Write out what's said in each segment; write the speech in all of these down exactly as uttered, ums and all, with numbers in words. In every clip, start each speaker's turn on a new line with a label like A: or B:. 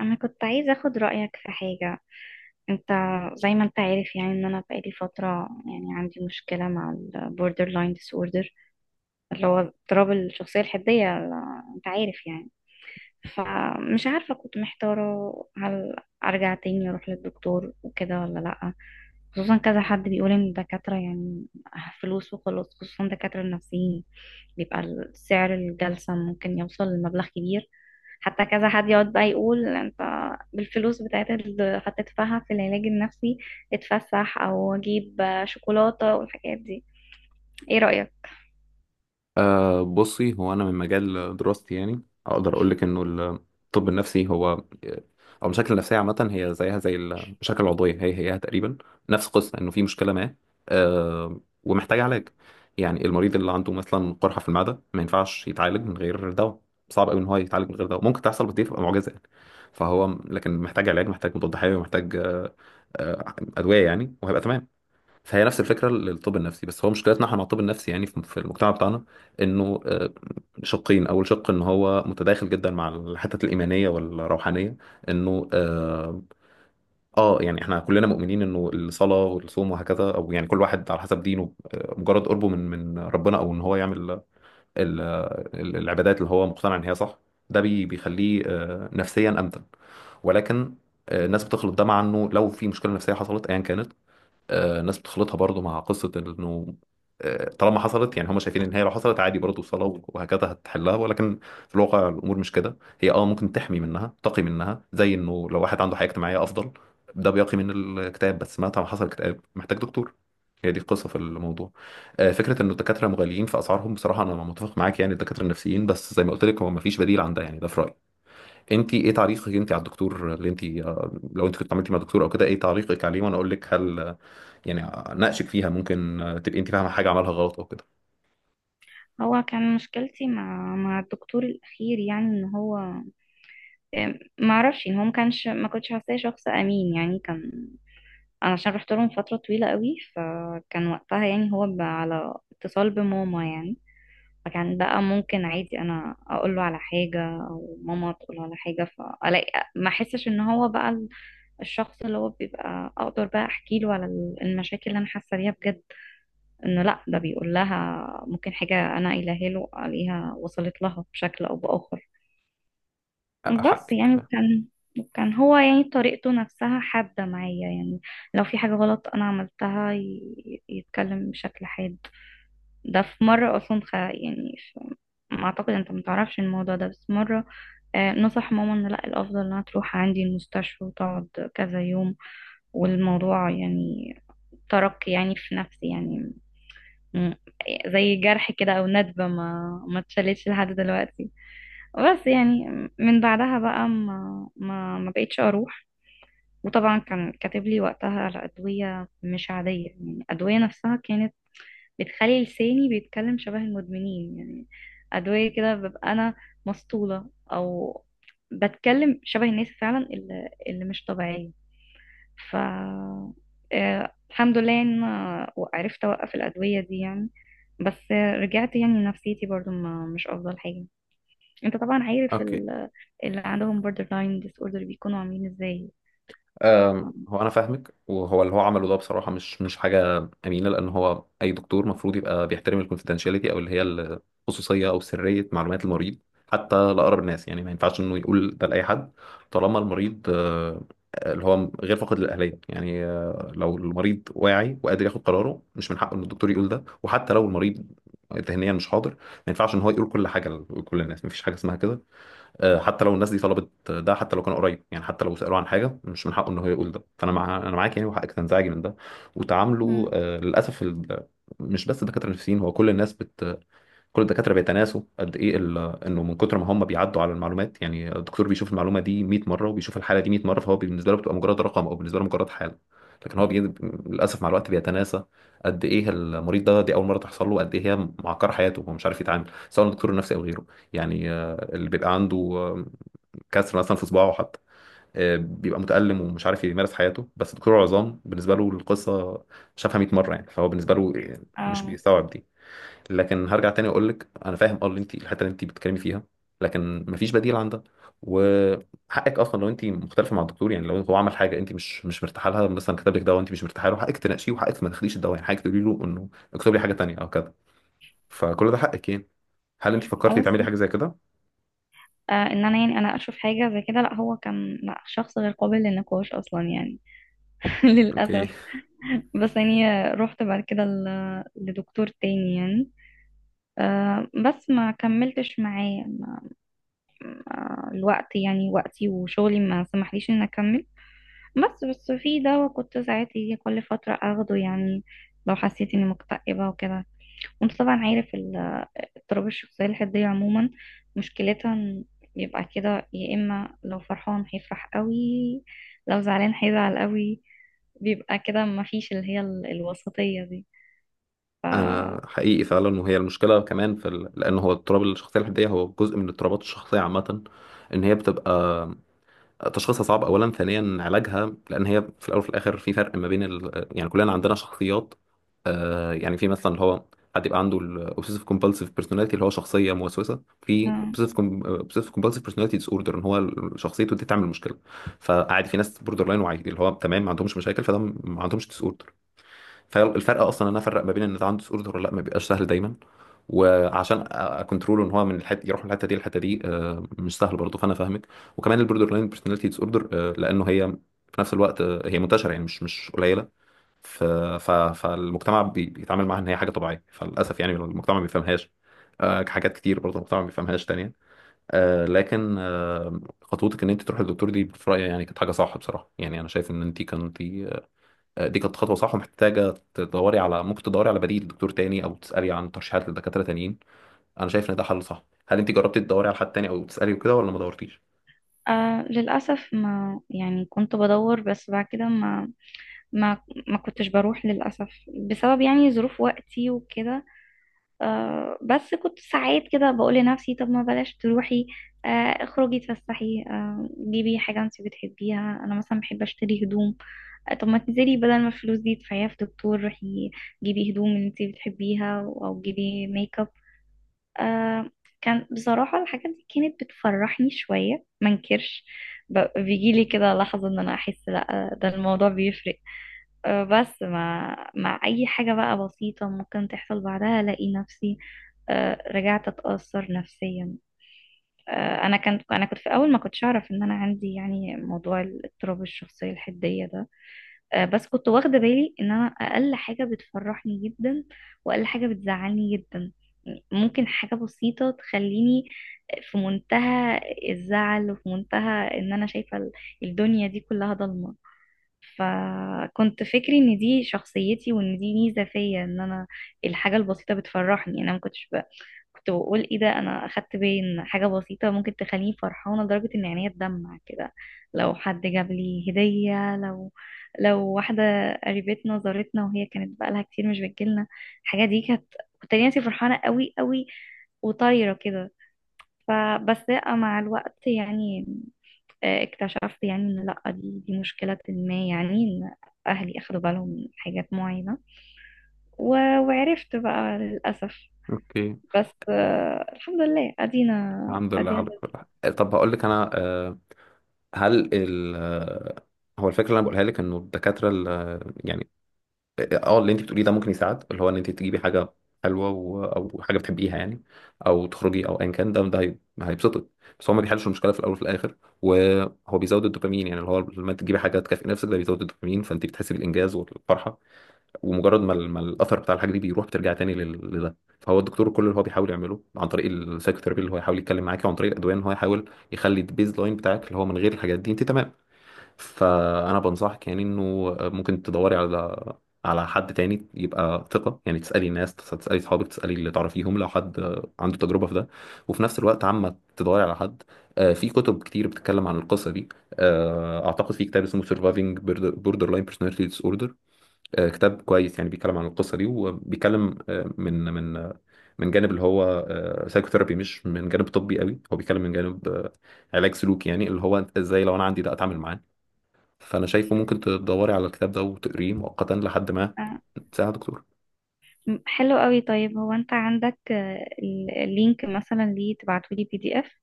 A: انا كنت عايزه اخد رايك في حاجه، انت. زي ما انت عارف، يعني ان انا بقالي فتره، يعني عندي مشكله مع البوردر لاين disorder اللي هو اضطراب الشخصيه الحديه ال- انت عارف يعني. فمش عارفه، كنت محتاره هل ارجع تاني اروح للدكتور وكده ولا لا؟ خصوصا كذا حد بيقول ان الدكاتره يعني فلوس وخلاص، خصوصا دكاتره النفسيين بيبقى سعر الجلسه ممكن يوصل لمبلغ كبير. حتى كذا حد يقعد بقى يقول انت بالفلوس بتاعت اللي هتدفعها في العلاج النفسي اتفسح او اجيب شوكولاتة والحاجات دي. ايه رأيك؟
B: أه بصي، هو أنا من مجال دراستي يعني أقدر أقول لك إنه الطب النفسي هو أو المشاكل النفسية عامة هي زيها زي المشاكل العضوية، هي هيها تقريبا نفس القصة. إنه في مشكلة ما أه ومحتاج علاج. يعني المريض اللي عنده مثلا قرحة في المعدة ما ينفعش يتعالج من غير دواء. صعب قوي إن هو يتعالج من غير دواء، ممكن تحصل بس دي تبقى معجزة يعني. فهو لكن محتاج علاج، محتاج مضاد حيوي، محتاج أه، أه، أدوية يعني، وهيبقى تمام. فهي نفس الفكره للطب النفسي. بس هو مشكلتنا احنا مع الطب النفسي يعني، في في المجتمع بتاعنا، انه آه، شقين. اول شق ان هو متداخل جدا مع الحتت الايمانيه والروحانيه، انه اه آه، يعني احنا كلنا مؤمنين انه الصلاه والصوم وهكذا، او يعني كل واحد على حسب دينه، آه، مجرد قربه من من ربنا، او ان هو يعمل ال- ال- العبادات اللي هو مقتنع ان هي صح، ده بي- بيخليه آه، نفسيا امتن. ولكن آه، الناس بتخلط ده مع انه لو في مشكله نفسيه حصلت ايا كانت. آه، ناس بتخلطها برضو مع قصة انه آه، طالما حصلت يعني هم شايفين ان هي لو حصلت عادي برضو الصلاة وهكذا هتحلها، ولكن في الواقع الامور مش كده. هي اه ممكن تحمي منها، تقي منها، زي انه لو واحد عنده حياة اجتماعية افضل، ده بيقي من الاكتئاب. بس مهما حصل اكتئاب محتاج دكتور. هي دي القصة في الموضوع. آه، فكرة ان الدكاترة مغاليين في اسعارهم، بصراحة انا متفق معاك يعني الدكاترة النفسيين. بس زي ما قلت لك هو مفيش بديل عن ده يعني، ده في رأيي. انت ايه تعليقك انت على الدكتور اللي انت آه، لو انت كنت عملتي مع دكتور او كده، ايه تعليقك عليه؟ وانا اقول لك، هل يعني اناقشك فيها؟ ممكن تبقي انت فاهمه حاجه عملها غلط او كده؟
A: هو كان مشكلتي مع مع الدكتور الاخير، يعني ان هو ما اعرفش ان هو ما كانش ما كنتش حاساه شخص امين، يعني كان. انا عشان رحت لهم فترة طويلة قوي، فكان وقتها يعني هو ب- على اتصال بماما يعني. فكان بقى ممكن عادي انا اقول له على حاجه او ماما تقول له على حاجه، فالاقي ما احسش ان هو بقى ال- الشخص اللي هو بيبقى اقدر بقى احكي له على ال- المشاكل اللي انا حاسه بيها بجد، انه لا ده بيقول لها ممكن حاجه انا قايلها له عليها وصلت لها بشكل او باخر. بس
B: حقك.
A: يعني كان. كان هو يعني طريقته نفسها حادة معايا، يعني لو في حاجة غلط أنا عملتها ي- يتكلم بشكل حاد. ده في مرة أصلا خ... يعني ف... ما أعتقد أنت متعرفش الموضوع ده، بس مرة آه، نصح ماما إن لأ الأفضل إنها تروح عندي المستشفى وتقعد كذا يوم. والموضوع يعني ترك يعني في نفسي يعني م- زي جرح كده أو ندبة ما ما اتشالتش لحد دلوقتي. بس يعني من بعدها بقى ما ما, ما بقيتش أروح. وطبعا كان كاتب لي وقتها على أدوية مش عادية، يعني الأدوية نفسها كانت بتخلي لساني بيتكلم شبه المدمنين يعني، أدوية كده ببقى أنا مسطولة أو بتكلم شبه الناس فعلا اللي, اللي مش طبيعية. ف آه، الحمد لله يعني أنا عرفت أوقف الأدوية دي يعني. بس آه، رجعت يعني نفسيتي برضو ما مش أفضل حاجة. أنت طبعا عارف
B: اوكي.
A: ال- اللي عندهم borderline disorder بيكونوا عاملين إزاي.
B: أم، هو انا فاهمك، وهو اللي هو عمله ده بصراحه مش مش حاجه امينه، لان هو اي دكتور المفروض يبقى بيحترم الكونفيدنشاليتي او اللي هي الخصوصيه او سريه معلومات المريض، حتى لاقرب الناس يعني. ما ينفعش انه يقول ده لاي حد طالما المريض آه، اللي هو غير فاقد للاهليه يعني. آه، لو المريض واعي وقادر ياخد قراره، مش من حقه ان الدكتور يقول ده. وحتى لو المريض ذهنيا مش حاضر، ما ينفعش ان هو يقول كل حاجه لكل الناس. ما فيش حاجه اسمها كده. آه، حتى لو الناس دي طلبت ده، حتى لو كان قريب يعني، حتى لو سألوه عن حاجة مش من حقه ان هو يقول ده. فانا مع انا معاك يعني، وحقك تنزعجي من ده
A: مم.
B: وتعامله. آه، للاسف ال... مش بس الدكاترة النفسيين، هو كل الناس بت... كل الدكاتره بيتناسوا قد ايه ال- انه من كتر ما هم بيعدوا على المعلومات. يعني الدكتور بيشوف المعلومه دي مية مرة مره، وبيشوف الحاله دي مية مرة مره، فهو بالنسبه له بتبقى مجرد رقم، او بالنسبه له مجرد حاله. لكن هو بي... للاسف مع الوقت بيتناسى قد ايه المريض ده، دي اول مره تحصل له، قد ايه هي معكره حياته، هو مش عارف يتعامل. سواء دكتور نفسي او غيره يعني، آه، اللي بيبقى عنده آه، كسر مثلا في صباعه حتى، آه، بيبقى متألم ومش عارف يمارس حياته. بس دكتور عظام بالنسبه له القصه شافها مية مرة مره يعني، فهو بالنسبه له آه، مش
A: اه.
B: بيستوعب. لكن هرجع تاني اقول لك انا فاهم اه اللي انت، الحته اللي انت بتتكلمي فيها، لكن مفيش بديل عن ده. وحقك اصلا لو انت مختلفه مع الدكتور يعني، لو هو عمل حاجه انت مش مش مرتاحه لها، مثلا كتب لك دواء انت مش مرتاحه له، حقك تناقشيه. وحقك ما تاخديش الدواء يعني، حقك تقولي له انه اكتب لي حاجه تانيه او كده. فكل ده حقك يعني. هل انت
A: اه
B: فكرتي
A: بس.
B: تعملي حاجه زي كده؟
A: آه، ان انا يعني انا اشوف حاجه زي كده، لا هو كان، لا شخص غير قابل للنقاش اصلا يعني.
B: اوكي.
A: للأسف. بس يعني رحت بعد كده ل- لدكتور تاني يعني، آه، بس ما كملتش معاه. ما- ما- الوقت يعني وقتي وشغلي ما سمحليش ان اكمل. بس بس في دواء كنت ساعات يجي كل فترة اخده، يعني لو حسيت اني مكتئبة وكده. وانت طبعا عارف ال- اضطراب الشخصية الحدية عموما مشكلتها إن يبقى كده. يا اما لو فرحان هيفرح قوي، لو زعلان هيزعل قوي، بيبقى كده، ما فيش اللي هي ال- الوسطية دي. ف...
B: انا
A: آه.
B: حقيقي فعلا، وهي المشكله كمان في ال... لان هو اضطراب الشخصيه الحديه هو جزء من اضطرابات الشخصيه عامه. ان هي بتبقى تشخيصها صعب اولا، ثانيا علاجها، لان هي في الاول وفي الاخر في فرق ما بين ال... يعني كلنا عندنا شخصيات. آه يعني في مثلا اللي هو حد يبقى عنده الاوبسيسيف كومبالسيف بيرسوناليتي، اللي هو شخصيه موسوسه. في اوبسيسيف كومبالسيف بيرسوناليتي ديس اوردر، ان هو ال- شخصيته دي تعمل مشكله. فعادي في ناس بوردر لاين، وعادي اللي هو تمام ما عندهمش مشاكل، فده ما عندهمش ديس. فالفرق اصلا ان انا افرق ما بين ان ده عنده اوردر ولا لا ما بيبقاش سهل دايما. وعشان اكونترول ان هو من الحته يروح، من الحته دي للحته دي آه، مش سهل برضه، فانا فاهمك. وكمان البوردر لاين بيرسوناليتي ديس اوردر، لانه هي في نفس الوقت آه، هي منتشره يعني، مش مش قليله. ف... ف... فالمجتمع بي- بيتعامل معاها ان هي حاجه طبيعيه. فللاسف يعني المجتمع ما بيفهمهاش. آه، حاجات كتير برضه المجتمع ما بيفهمهاش تانية. آه، لكن آه، خطوتك ان انت تروح للدكتور دي في رايي يعني كانت حاجه صح بصراحه. يعني انا شايف ان انت كنت آه، دي كانت خطوه صح، ومحتاجه تدوري على، ممكن تدوري على بديل دكتور تاني، او تسالي عن ترشيحات لدكاتره تانيين. انا شايف ان ده حل صح. هل انت جربتي تدوري على حد تاني او تسالي وكده، ولا ما دورتيش؟
A: آه للأسف ما يعني كنت بدور، بس بعد كده ما ما ما كنتش بروح للأسف، بسبب يعني ظروف وقتي وكده. آه بس كنت ساعات كده بقول لنفسي طب ما بلاش تروحي، آه، اخرجي اتفسحي، آه جيبي حاجة انت بتحبيها. أنا مثلا بحب أشتري هدوم. آه، طب ما تنزلي بدل ما الفلوس دي تدفعيها في دكتور، روحي جيبي هدوم انت بتحبيها أو جيبي ميك اب. آه، كان بصراحة الحاجات دي كانت بتفرحني شوية منكرش، بيجي لي كده لحظة ان انا احس لا ده الموضوع بيفرق. آه بس مع مع اي حاجة بقى بسيطة ممكن تحصل بعدها الاقي نفسي آه رجعت اتأثر نفسيا. آه انا كنت انا كنت في الاول ما كنتش اعرف ان انا عندي يعني موضوع الاضطراب الشخصية الحدية ده. آه، بس كنت واخدة بالي ان انا اقل حاجة بتفرحني جدا واقل حاجة بتزعلني جدا، ممكن حاجة بسيطة تخليني في منتهى الزعل وفي منتهى ان انا شايفة ال- الدنيا دي كلها ضلمة. فكنت فكري ان دي شخصيتي وان دي ميزة فيا، ان انا الحاجة البسيطة بتفرحني. انا ما كنتش ب- كنت بقول ايه ده، انا اخدت بالي ان حاجه بسيطه ممكن تخليني فرحانه لدرجه ان عينيا تدمع كده. لو حد جاب لي هديه، لو لو واحده قريبتنا زارتنا وهي كانت بقالها كتير مش بتجيلنا، الحاجه دي كانت، كنت ألاقي نفسي فرحانه قوي قوي وطايره كده. فبس لأ، مع الوقت يعني آه، اكتشفت يعني ان لا دي دي مشكله ما، يعني ان اهلي اخدوا بالهم من حاجات معينه، و- وعرفت بقى للاسف.
B: اوكي.
A: بس آه، الحمد لله ادينا
B: الحمد لله على
A: ادينا.
B: كل حال. آه، طب هقول لك انا، آه، هل ال آه، هو الفكره اللي انا بقولها لك، انه الدكاتره ال- آه، يعني اه آه، اللي انت بتقوليه ده ممكن يساعد، اللي هو ان انت تجيبي حاجه حلوه و... او حاجه بتحبيها يعني، او تخرجي، او ايا كان ده ده هي- هيبسطك. بس هو ما بيحلش المشكله في الاول وفي الاخر. وهو بيزود الدوبامين يعني، اللي هو لما تجيبي حاجه تكافئي نفسك ده بيزود الدوبامين، فانت بتحسي بالانجاز والفرحه. ومجرد ما, ال... ما الاثر بتاع الحاجه دي بيروح، بترجع تاني لل... لده. فهو الدكتور كل اللي هو بيحاول يعمله عن طريق السايكوثيرابي اللي هو يحاول يتكلم معاكي، وعن طريق الادويه، ان هو يحاول يخلي البيز لاين بتاعك، اللي هو من غير الحاجات دي انت تمام. فانا بنصحك يعني انه ممكن تدوري على على حد تاني يبقى ثقة يعني، تسألي الناس، تسألي صحابك، تسألي اللي تعرفيهم لو حد عنده تجربة في ده. وفي نفس الوقت عما تدوري على حد. آه، في كتب كتير بتتكلم عن القصة دي. آه، اعتقد في كتاب اسمه Surviving Border- Borderline Personality Disorder. آه، كتاب كويس يعني، بيتكلم عن القصة دي، وبيتكلم آه، من من من جانب اللي هو سايكوثيرابي، مش من جانب طبي قوي. هو بيتكلم من جانب آه، علاج سلوكي يعني، اللي هو ازاي لو انا عندي ده اتعامل معاه. فانا شايفه ممكن تدوري على الكتاب ده وتقريه مؤقتا لحد ما
A: آه،
B: ساعة دكتور.
A: م- حلو قوي. طيب هو انت عندك آه، ال- اللينك مثلا، ليه تبعتولي بي دي اف؟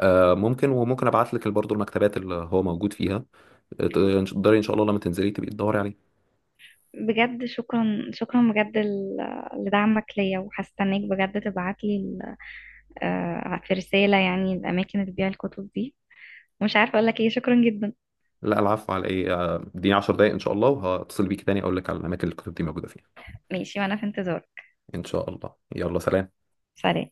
B: آه ممكن، وممكن ابعت لك برضه المكتبات اللي هو موجود فيها. تقدري ان شاء الله لما تنزلي تبقي تدوري عليه.
A: بجد شكرا شكرا بجد ل- لدعمك ليا، وهستناك بجد تبعتلي ال- آه، في رسالة يعني الأماكن اللي بتبيع الكتب دي. مش عارفة أقولك إيه، شكرا جدا.
B: لا، العفو على ايه. آه، اديني 10 دقايق ان شاء الله، وهتصل بيك تاني اقول لك على الاماكن اللي الكتب دي موجوده فيها.
A: ماشي وأنا في انتظارك.
B: ان شاء الله، يلا سلام.
A: سلام.